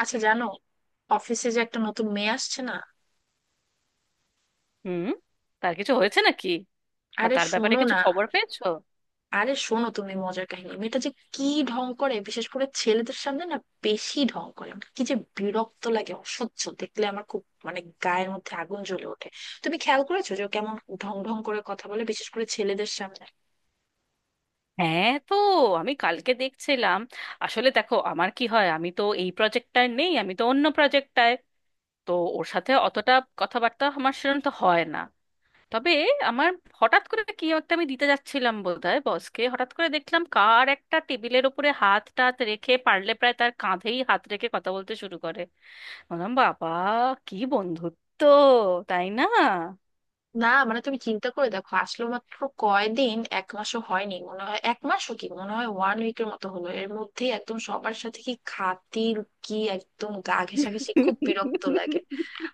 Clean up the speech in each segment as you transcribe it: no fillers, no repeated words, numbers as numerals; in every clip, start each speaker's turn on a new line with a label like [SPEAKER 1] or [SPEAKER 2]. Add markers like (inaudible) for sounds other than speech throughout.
[SPEAKER 1] আচ্ছা, জানো অফিসে যে একটা নতুন মেয়ে আসছে না,
[SPEAKER 2] হুম। তার কিছু হয়েছে নাকি? বা
[SPEAKER 1] আরে
[SPEAKER 2] তার ব্যাপারে
[SPEAKER 1] শোনো
[SPEAKER 2] কিছু
[SPEAKER 1] না,
[SPEAKER 2] খবর পেয়েছো?
[SPEAKER 1] আরে শোনো, তুমি মজার কাহিনী মেয়েটা যে কি ঢং করে বিশেষ করে ছেলেদের সামনে না, বেশি ঢং করে। আমার কি যে বিরক্ত লাগে, অসহ্য দেখলে আমার খুব মানে গায়ের মধ্যে আগুন জ্বলে ওঠে। তুমি খেয়াল করেছো যে ও কেমন ঢং ঢং করে কথা বলে বিশেষ করে ছেলেদের সামনে?
[SPEAKER 2] হ্যাঁ, তো আমি কালকে দেখছিলাম। আসলে দেখো আমার কি হয়, আমি তো এই প্রজেক্টটায় নেই, আমি তো অন্য প্রজেক্টটায়। তো ওর সাথে অতটা কথাবার্তা আমার সেরকম তো হয় না। তবে আমার হঠাৎ করে কি একটা আমি দিতে যাচ্ছিলাম বোধহয় বসকে, হঠাৎ করে দেখলাম কার একটা টেবিলের ওপরে হাত টাত রেখে, পারলে প্রায় তার কাঁধেই হাত রেখে কথা বলতে শুরু করে। বললাম, বাবা কি বন্ধুত্ব! তাই না?
[SPEAKER 1] না মানে তুমি চিন্তা করে দেখো, আসলে মাত্র কয়দিন, এক মাসও হয়নি মনে হয়, এক মাসও কি মনে হয়, ওয়ান উইকের মতো হলো। এর মধ্যে একদম সবার সাথে কি খাতির, কি একদম গা ঘেঁষাঘেঁষি, খুব বিরক্ত লাগে।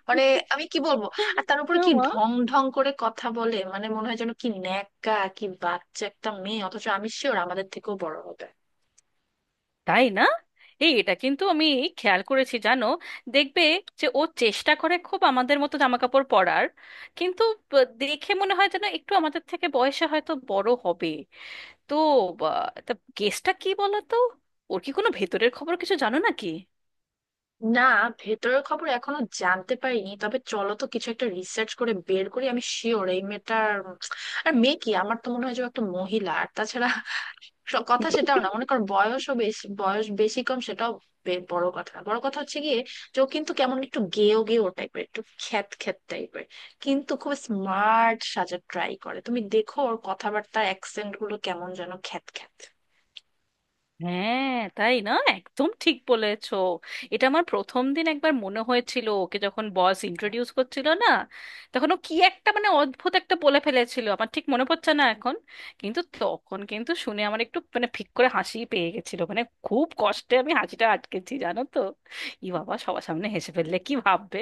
[SPEAKER 1] মানে আমি কি বলবো, আর তার উপরে কি
[SPEAKER 2] মা,
[SPEAKER 1] ঢং ঢং করে কথা বলে, মানে মনে হয় যেন কি ন্যাকা, কি বাচ্চা একটা মেয়ে, অথচ আমি শিওর আমাদের থেকেও বড় হবে।
[SPEAKER 2] তাই না! এই এটা কিন্তু আমি খেয়াল করেছি জানো। দেখবে যে ও চেষ্টা করে খুব আমাদের মতো জামাকাপড় পরার, কিন্তু দেখে মনে হয় যেন একটু আমাদের থেকে বয়সে হয়তো বড় হবে। তো বা- তা গেসটা কি বলো তো? ওর কি কোনো ভেতরের খবর কিছু জানো নাকি?
[SPEAKER 1] না, ভেতরের খবর এখনো জানতে পারিনি, তবে চলো তো কিছু একটা রিসার্চ করে বের করি। আমি শিওর এই মেয়েটার, আর মেয়ে কি, আমার তো মনে হয় যে ও একটা মহিলা। আর তাছাড়া কথা সেটাও না, মনে করো বয়সও বেশি, বয়স বেশি কম সেটাও বড় কথা না, বড় কথা হচ্ছে গিয়ে যে ও কিন্তু কেমন একটু গেও গেও টাইপের, একটু খ্যাত খ্যাত টাইপের, কিন্তু খুব স্মার্ট সাজার ট্রাই করে। তুমি দেখো ওর কথাবার্তার অ্যাকসেন্ট গুলো কেমন যেন খ্যাত খ্যাত।
[SPEAKER 2] হ্যাঁ, তাই না? একদম ঠিক বলেছো। এটা আমার প্রথম দিন একবার মনে হয়েছিল, ওকে যখন বস ইন্ট্রোডিউস করছিল না, তখন ও কি একটা অদ্ভুত একটা বলে ফেলেছিল, আমার ঠিক মনে পড়ছে না এখন। কিন্তু তখন কিন্তু শুনে আমার একটু ফিক করে হাসি পেয়ে গেছিল, খুব কষ্টে আমি হাসিটা আটকেছি জানো তো। ই বাবা, সবার সামনে হেসে ফেললে কি ভাববে!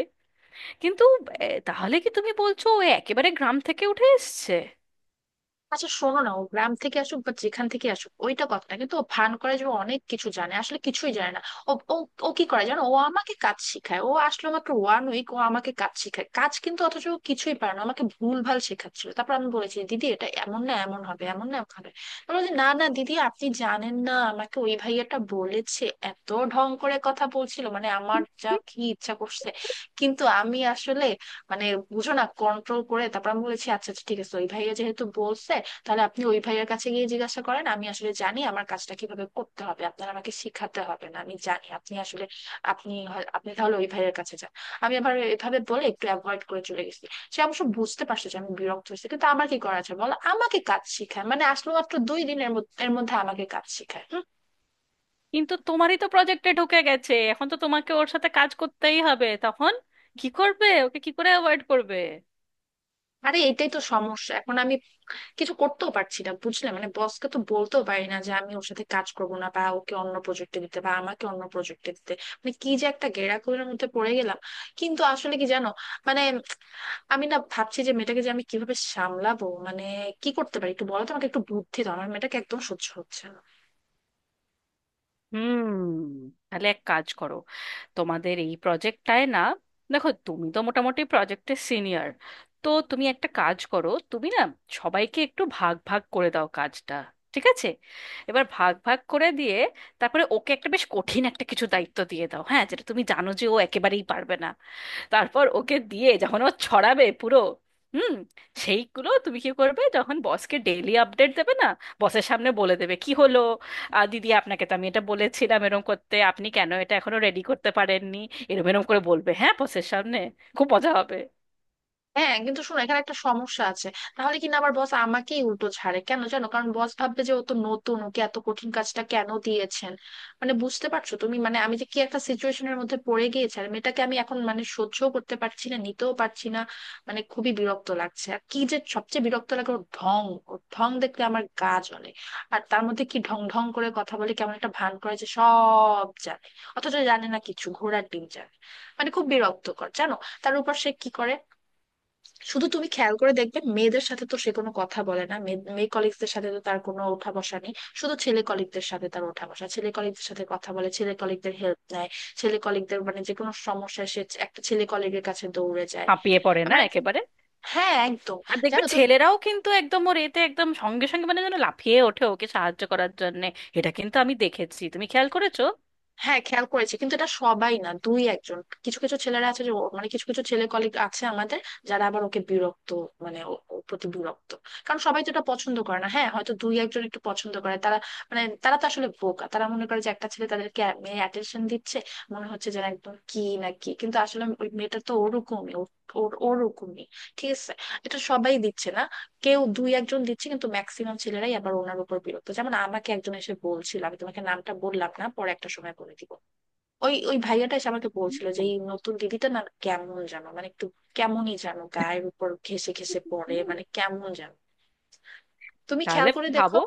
[SPEAKER 2] কিন্তু তাহলে কি তুমি বলছো ও একেবারে গ্রাম থেকে উঠে এসছে?
[SPEAKER 1] আচ্ছা শোনো না, ও গ্রাম থেকে আসুক বা যেখান থেকে আসুক ওইটা কথা না, কিন্তু ও ভান করে যে ও অনেক কিছু জানে, আসলে কিছুই জানে না। ও ও ও কি করে জানো, ও আমাকে কাজ শেখায়। ও আসলো মাত্র ওয়ান উইক, ও আমাকে কাজ শেখায় কাজ, কিন্তু অথচ ও কিছুই পারে না। আমাকে ভুল ভাল শেখাচ্ছিল, তারপর আমি বলেছি দিদি এটা এমন না এমন হবে, এমন না এমন হবে। আমি বলছি না না দিদি, আপনি জানেন না, আমাকে ওই ভাইয়াটা বলেছে। এত ঢং করে কথা বলছিল মানে আমার যা কি ইচ্ছা করছে, কিন্তু আমি আসলে মানে বুঝো না, কন্ট্রোল করে তারপর আমি বলেছি আচ্ছা আচ্ছা ঠিক আছে, ওই ভাইয়া যেহেতু বলছে তাহলে আপনি ওই ভাইয়ার কাছে গিয়ে জিজ্ঞাসা করেন। আমি আসলে জানি আমার কাজটা কিভাবে করতে হবে, আপনার আমাকে শিখাতে হবে না, আমি জানি। আপনি আসলে আপনি তাহলে ওই ভাইয়ের কাছে যান। আমি আবার এভাবে বলে একটু অ্যাভয়েড করে চলে গেছি। সে অবশ্য বুঝতে পারছে যে আমি বিরক্ত হয়েছি, কিন্তু আমার কি করা যায় বলো, আমাকে কাজ শিখায়, মানে আসলে মাত্র দুই দিনের মধ্যে এর মধ্যে আমাকে কাজ শিখায়। হুম।
[SPEAKER 2] কিন্তু তোমারই তো প্রজেক্টে ঢুকে গেছে, এখন তো তোমাকে ওর সাথে কাজ করতেই হবে। তখন কি করবে? ওকে কি করে অ্যাভয়েড করবে?
[SPEAKER 1] আরে এটাই তো সমস্যা, এখন আমি কিছু করতেও পারছি না বুঝলে, মানে বসকে তো বলতেও পারি না যে আমি ওর সাথে কাজ করবো না, বা ওকে অন্য প্রজেক্টে দিতে বা আমাকে অন্য প্রজেক্টে দিতে। মানে কি যে একটা গেঁড়াখুলির মধ্যে পড়ে গেলাম। কিন্তু আসলে কি জানো, মানে আমি না ভাবছি যে মেয়েটাকে যে আমি কিভাবে সামলাবো। মানে কি করতে পারি একটু বলো তো, আমাকে একটু বুদ্ধি দাও, আমার মেয়েটাকে একদম সহ্য হচ্ছে না।
[SPEAKER 2] হুম। তাহলে এক কাজ করো, তোমাদের এই প্রজেক্টটায় না, দেখো তুমি তো মোটামুটি প্রজেক্টের সিনিয়র। তো তুমি একটা কাজ করো, তুমি না সবাইকে একটু ভাগ ভাগ করে দাও কাজটা। ঠিক আছে? এবার ভাগ ভাগ করে দিয়ে, তারপরে ওকে একটা বেশ কঠিন একটা কিছু দায়িত্ব দিয়ে দাও, হ্যাঁ, যেটা তুমি জানো যে ও একেবারেই পারবে না। তারপর ওকে দিয়ে যখন ও ছড়াবে পুরো, হুম, সেইগুলো তুমি কি করবে, যখন বসকে ডেইলি আপডেট দেবে না, বসের সামনে বলে দেবে কি হলো। দিদি আপনাকে তো আমি এটা বলেছিলাম এরম করতে, আপনি কেন এটা এখনো রেডি করতে পারেননি, এরম এরম করে বলবে, হ্যাঁ, বসের সামনে। খুব মজা হবে।
[SPEAKER 1] হ্যাঁ কিন্তু শোনো, এখানে একটা সমস্যা আছে। তাহলে কিনা আবার বস আমাকেই উল্টো ছাড়ে কেন জানো, কারণ বস ভাববে যে ও তো নতুন, ওকে এত কঠিন কাজটা কেন দিয়েছেন। মানে বুঝতে পারছো তুমি, মানে আমি যে কি একটা সিচুয়েশনের মধ্যে পড়ে গিয়েছি। আর মেয়েটাকে আমি এখন মানে সহ্য করতে পারছি না, নিতেও পারছি না। মানে খুবই বিরক্ত লাগছে, আর কি যে সবচেয়ে বিরক্ত লাগে ওর ঢং। ওর ঢং দেখলে আমার গা জ্বলে। আর তার মধ্যে কি ঢং ঢং করে কথা বলে, কেমন একটা ভান করে যে সব জানে, অথচ জানে না কিছু, ঘোড়ার ডিম জানে। মানে খুব বিরক্তকর জানো। তার উপর সে কি করে, শুধু তুমি খেয়াল করে দেখবে মেয়েদের সাথে তো সে কোনো কথা বলে না, মেয়ে মেয়ে কলিগদের সাথে তো তার কোনো ওঠা বসা নেই। শুধু ছেলে কলিগদের সাথে তার ওঠা বসা, ছেলে কলিগদের সাথে কথা বলে, ছেলে কলিগদের হেল্প নেয়, ছেলে কলিগদের মানে যে কোনো সমস্যায় সে একটা ছেলে কলিগের কাছে দৌড়ে যায়।
[SPEAKER 2] হাঁপিয়ে পড়ে না
[SPEAKER 1] মানে
[SPEAKER 2] একেবারে!
[SPEAKER 1] হ্যাঁ একদম।
[SPEAKER 2] আর দেখবে
[SPEAKER 1] জানো তুমি,
[SPEAKER 2] ছেলেরাও কিন্তু একদম ওর এতে একদম সঙ্গে সঙ্গে মানে যেন লাফিয়ে ওঠে ওকে সাহায্য করার জন্য। এটা কিন্তু আমি দেখেছি, তুমি খেয়াল করেছো?
[SPEAKER 1] হ্যাঁ খেয়াল করেছি, কিন্তু এটা সবাই না, দুই একজন, কিছু কিছু ছেলেরা আছে যে মানে কিছু কিছু ছেলে কলিগ আছে আমাদের, যারা আবার ওকে বিরক্ত, মানে ওর প্রতি বিরক্ত, কারণ সবাই তো এটা পছন্দ করে না। হ্যাঁ হয়তো দুই একজন একটু পছন্দ করে, তারা মানে তারা তো আসলে বোকা, তারা মনে করে যে একটা ছেলে তাদেরকে মেয়ে অ্যাটেনশন দিচ্ছে, মনে হচ্ছে যেন একদম কি না কি। কিন্তু আসলে ওই মেয়েটা তো ওরকমই, ওর ওরকমই, ঠিক আছে। এটা সবাই দিচ্ছে না, কেউ দুই একজন দিচ্ছে, কিন্তু ম্যাক্সিমাম ছেলেরাই আবার ওনার উপর বিরক্ত। যেমন আমাকে একজন এসে বলছিল, আমি তোমাকে নামটা বললাম না, পরে একটা সময় বলে দিব। ওই ওই ভাইয়াটা এসে আমাকে বলছিল যে এই নতুন দিদিটা না কেমন জানো, মানে একটু কেমনই জানো গায়ের উপর ঘেসে ঘেসে পড়ে,
[SPEAKER 2] হুম।
[SPEAKER 1] মানে কেমন জানো। তুমি খেয়াল
[SPEAKER 2] তাহলে
[SPEAKER 1] করে দেখো
[SPEAKER 2] ভাবো।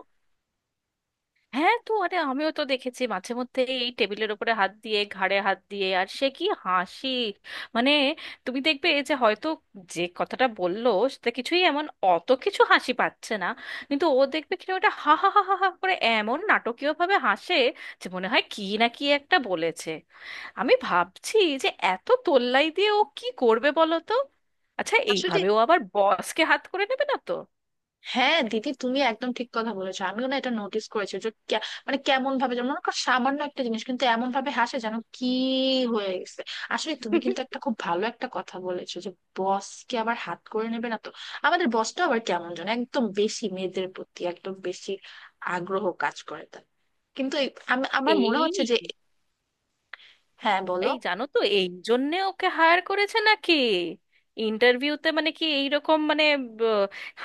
[SPEAKER 2] হ্যাঁ তো, আরে আমিও তো দেখেছি মাঝে মধ্যে এই টেবিলের উপরে হাত দিয়ে, ঘাড়ে হাত দিয়ে, আর সে কি হাসি! মানে তুমি দেখবে যে হয়তো যে কথাটা বললো সেটা কিছুই, এমন অত কিছু হাসি পাচ্ছে না, কিন্তু ও দেখবে কিনা ওটা হা হা হা হা হা করে এমন নাটকীয় ভাবে হাসে, যে মনে হয় কি না কি একটা বলেছে। আমি ভাবছি যে এত তোল্লাই দিয়ে ও কি করবে বলো তো? আচ্ছা,
[SPEAKER 1] আসলে।
[SPEAKER 2] এইভাবে ও আবার বসকে হাত করে নেবে না তো?
[SPEAKER 1] হ্যাঁ দিদি তুমি একদম ঠিক কথা বলেছো, আমিও না এটা নোটিস করেছি যে মানে কেমন ভাবে, যেমন মনে করো সামান্য একটা জিনিস কিন্তু এমন ভাবে হাসে যেন কি হয়ে গেছে। আসলে তুমি কিন্তু
[SPEAKER 2] (laughs)
[SPEAKER 1] একটা খুব ভালো একটা কথা বলেছো যে বস কে আবার হাত করে নেবে না তো। আমাদের বসটা আবার কেমন যেন একদম বেশি মেয়েদের প্রতি, একদম বেশি আগ্রহ কাজ করে তার। কিন্তু আমার মনে
[SPEAKER 2] এই,
[SPEAKER 1] হচ্ছে যে, হ্যাঁ বলো,
[SPEAKER 2] এই জানো তো, এই জন্যে ওকে হায়ার করেছে নাকি? ইন্টারভিউতে মানে কি এইরকম ব-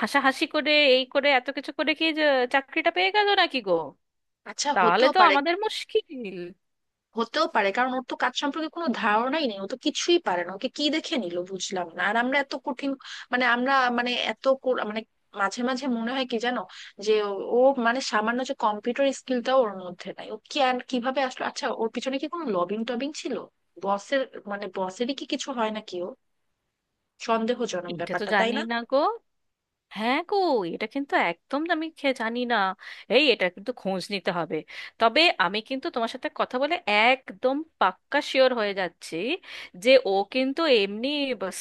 [SPEAKER 2] হাসাহাসি করে এই করে এত কিছু করে কি যে চাকরিটা পেয়ে গেল নাকি গো?
[SPEAKER 1] আচ্ছা
[SPEAKER 2] তাহলে
[SPEAKER 1] হতেও
[SPEAKER 2] তো
[SPEAKER 1] পারে।
[SPEAKER 2] আমাদের মুশকিল।
[SPEAKER 1] হতেও পারে, কারণ ওর তো কাজ সম্পর্কে কোনো ধারণাই নেই, ও তো কিছুই পারে না। ওকে কি দেখে নিল বুঝলাম না, আর আমরা এত কঠিন, মানে আমরা, মানে এত মানে, মাঝে মাঝে মনে হয় কি জানো যে ও ও মানে সামান্য যে কম্পিউটার স্কিলটাও ওর মধ্যে নাই, ও কি আর কিভাবে আসলো। আচ্ছা ওর পিছনে কি কোনো লবিং টবিং ছিল বসের, মানে বসেরই কি কিছু হয় নাকি ও, সন্দেহজনক
[SPEAKER 2] এটা তো
[SPEAKER 1] ব্যাপারটা তাই
[SPEAKER 2] জানি
[SPEAKER 1] না।
[SPEAKER 2] না গো। হ্যাঁ গো, এটা কিন্তু একদম আমি জানি না। এই এটা কিন্তু খোঁজ নিতে হবে। তবে আমি কিন্তু তোমার সাথে কথা বলে একদম পাক্কা শিওর হয়ে যাচ্ছি যে ও কিন্তু এমনি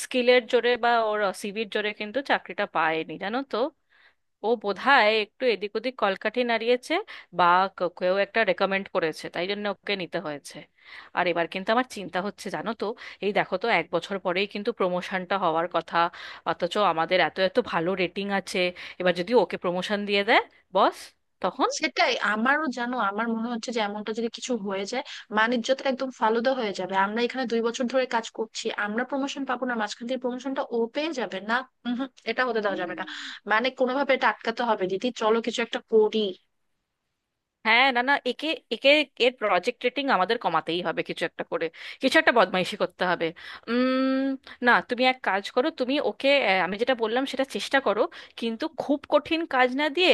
[SPEAKER 2] স্কিলের জোরে বা ওর সিভির জোরে কিন্তু চাকরিটা পায়নি জানো তো। ও বোধহয় একটু এদিক ওদিক কলকাঠি নাড়িয়েছে, বা কেউ একটা রেকমেন্ড করেছে, তাই জন্য ওকে নিতে হয়েছে। আর এবার কিন্তু আমার চিন্তা হচ্ছে জানো তো, এই দেখো তো এক বছর পরেই কিন্তু প্রমোশনটা হওয়ার কথা, অথচ আমাদের এত এত ভালো রেটিং আছে। এবার যদি ওকে প্রমোশন দিয়ে দেয় বস, তখন?
[SPEAKER 1] সেটাই আমারও জানো, আমার মনে হচ্ছে যে এমনটা যদি কিছু হয়ে যায় বাণিজ্য তো একদম ফালুদা হয়ে যাবে। আমরা এখানে দুই বছর ধরে কাজ করছি, আমরা প্রমোশন পাবো না, মাঝখান দিয়ে প্রমোশনটা ও পেয়ে যাবে না। উহুম, এটা হতে দেওয়া যাবে না। মানে কোনোভাবে এটা আটকাতে হবে দিদি, চলো কিছু একটা করি।
[SPEAKER 2] হ্যাঁ, না না, একে একে এর প্রজেক্ট রেটিং আমাদের কমাতেই হবে কিছু একটা করে। কিছু একটা বদমাইশি করতে হবে। উম, না তুমি এক কাজ করো, তুমি ওকে আমি যেটা বললাম সেটা চেষ্টা করো, কিন্তু খুব কঠিন কাজ না দিয়ে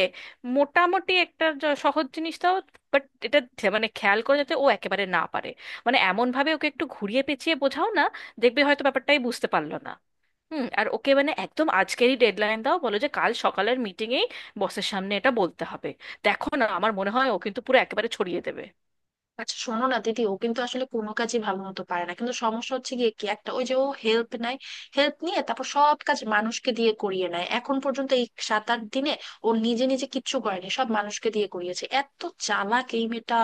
[SPEAKER 2] মোটামুটি একটা সহজ জিনিস দাও। বাট এটা মানে খেয়াল করে, যাতে ও একেবারে না পারে। মানে এমন ভাবে ওকে একটু ঘুরিয়ে পেঁচিয়ে বোঝাও না, দেখবে হয়তো ব্যাপারটাই বুঝতে পারলো না। হুম। আর ওকে মানে একদম আজকেরই ডেডলাইন দাও, বলো যে কাল সকালের মিটিংয়েই বসের সামনে এটা বলতে হবে। দেখো না, আমার মনে হয় ও কিন্তু পুরো একেবারে ছড়িয়ে দেবে।
[SPEAKER 1] আচ্ছা শোনো না দিদি, ও কিন্তু আসলে কোনো কাজই ভালো মতো পারে না, কিন্তু সমস্যা হচ্ছে গিয়ে কি একটা, ওই যে ও হেল্প নেয়, হেল্প নিয়ে তারপর সব কাজ মানুষকে দিয়ে করিয়ে নেয়। এখন পর্যন্ত এই সাত আট দিনে ও নিজে নিজে কিচ্ছু করেনি, সব মানুষকে দিয়ে করিয়েছে, এত চালাক এই মেয়েটা।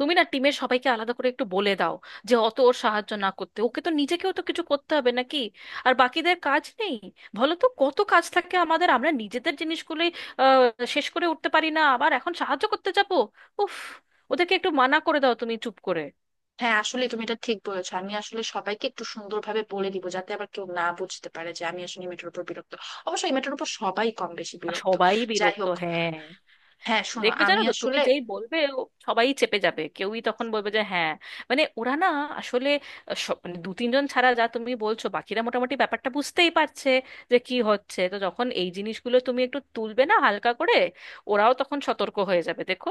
[SPEAKER 2] তুমি না টিমের সবাইকে আলাদা করে একটু বলে দাও যে অত ওর সাহায্য না করতে। ওকে তো নিজেকেও তো কিছু করতে হবে নাকি? আর বাকিদের কাজ নেই? বলো তো কত কাজ থাকে আমাদের, আমরা নিজেদের জিনিসগুলোই আহ, শেষ করে উঠতে পারি না, আবার এখন সাহায্য করতে যাবো। উফ! ওদেরকে একটু মানা করে দাও তুমি চুপ করে।
[SPEAKER 1] হ্যাঁ আসলে তুমি এটা ঠিক বলেছো, আমি আসলে সবাইকে একটু সুন্দরভাবে বলে দিব, যাতে আবার কেউ না বুঝতে পারে যে আমি আসলে এই মেয়েটার উপর বিরক্ত। অবশ্যই মেয়েটার উপর সবাই কম বেশি
[SPEAKER 2] আর
[SPEAKER 1] বিরক্ত।
[SPEAKER 2] সবাই
[SPEAKER 1] যাই
[SPEAKER 2] বিরক্ত,
[SPEAKER 1] হোক,
[SPEAKER 2] হ্যাঁ।
[SPEAKER 1] হ্যাঁ শোনো
[SPEAKER 2] দেখবে
[SPEAKER 1] আমি
[SPEAKER 2] জানো তো, তুমি
[SPEAKER 1] আসলে,
[SPEAKER 2] যেই বলবে ও, সবাই চেপে যাবে, কেউই তখন বলবে যে হ্যাঁ, মানে ওরা না আসলে মানে দু তিনজন ছাড়া যা তুমি বলছো, বাকিরা মোটামুটি ব্যাপারটা বুঝতেই পারছে যে কি হচ্ছে। তো যখন এই জিনিসগুলো তুমি একটু তুলবে না হালকা করে, ওরাও তখন সতর্ক হয়ে যাবে, দেখো।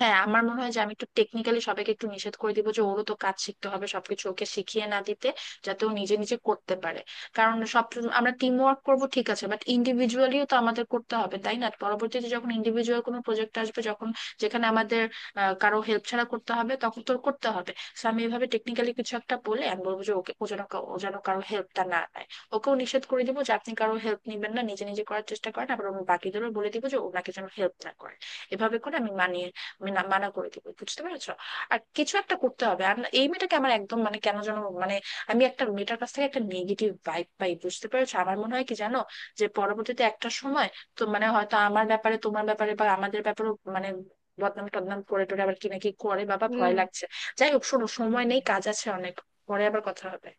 [SPEAKER 1] হ্যাঁ আমার মনে হয় যে আমি একটু টেকনিক্যালি সবাইকে একটু নিষেধ করে দিব যে ওরও তো কাজ শিখতে হবে, সবকিছু ওকে শিখিয়ে না দিতে, যাতে ও নিজে নিজে করতে পারে। কারণ সব, আমরা টিম ওয়ার্ক করবো ঠিক আছে, বাট ইন্ডিভিজুয়ালিও তো আমাদের করতে হবে তাই না, পরবর্তীতে যখন ইন্ডিভিজুয়াল কোনো প্রজেক্ট আসবে, যখন যেখানে আমাদের কারো হেল্প ছাড়া করতে হবে, তখন তো ওর করতে হবে। সো আমি এভাবে টেকনিক্যালি কিছু একটা বলে আমি বলবো যে ওকে, ও যেন ও যেন কারো হেল্পটা না নেয়। ওকেও নিষেধ করে দিব যে আপনি কারো হেল্প নেবেন না, নিজে নিজে করার চেষ্টা করেন, আবার আমি বাকিদেরও বলে দিব যে ওনাকে যেন হেল্প না করে। এভাবে করে আমি মানিয়ে, আমি মানা করে দিব, বুঝতে পেরেছো। আর কিছু একটা করতে হবে, আর এই মেয়েটাকে আমার একদম, মানে কেন যেন মানে আমি একটা মেয়েটার কাছ থেকে একটা নেগেটিভ ভাইব পাই, বুঝতে পেরেছো। আমার মনে হয় কি জানো, যে পরবর্তীতে একটা সময় তো, মানে হয়তো আমার ব্যাপারে তোমার ব্যাপারে বা আমাদের ব্যাপারে, মানে বদনাম টদনাম করে টোরে আবার কি নাকি করে, বাবা ভয়
[SPEAKER 2] হুম।
[SPEAKER 1] লাগছে। যাই হোক শোনো, সময় নেই,
[SPEAKER 2] হুম।
[SPEAKER 1] কাজ আছে অনেক। পরে আবার কথা হবে।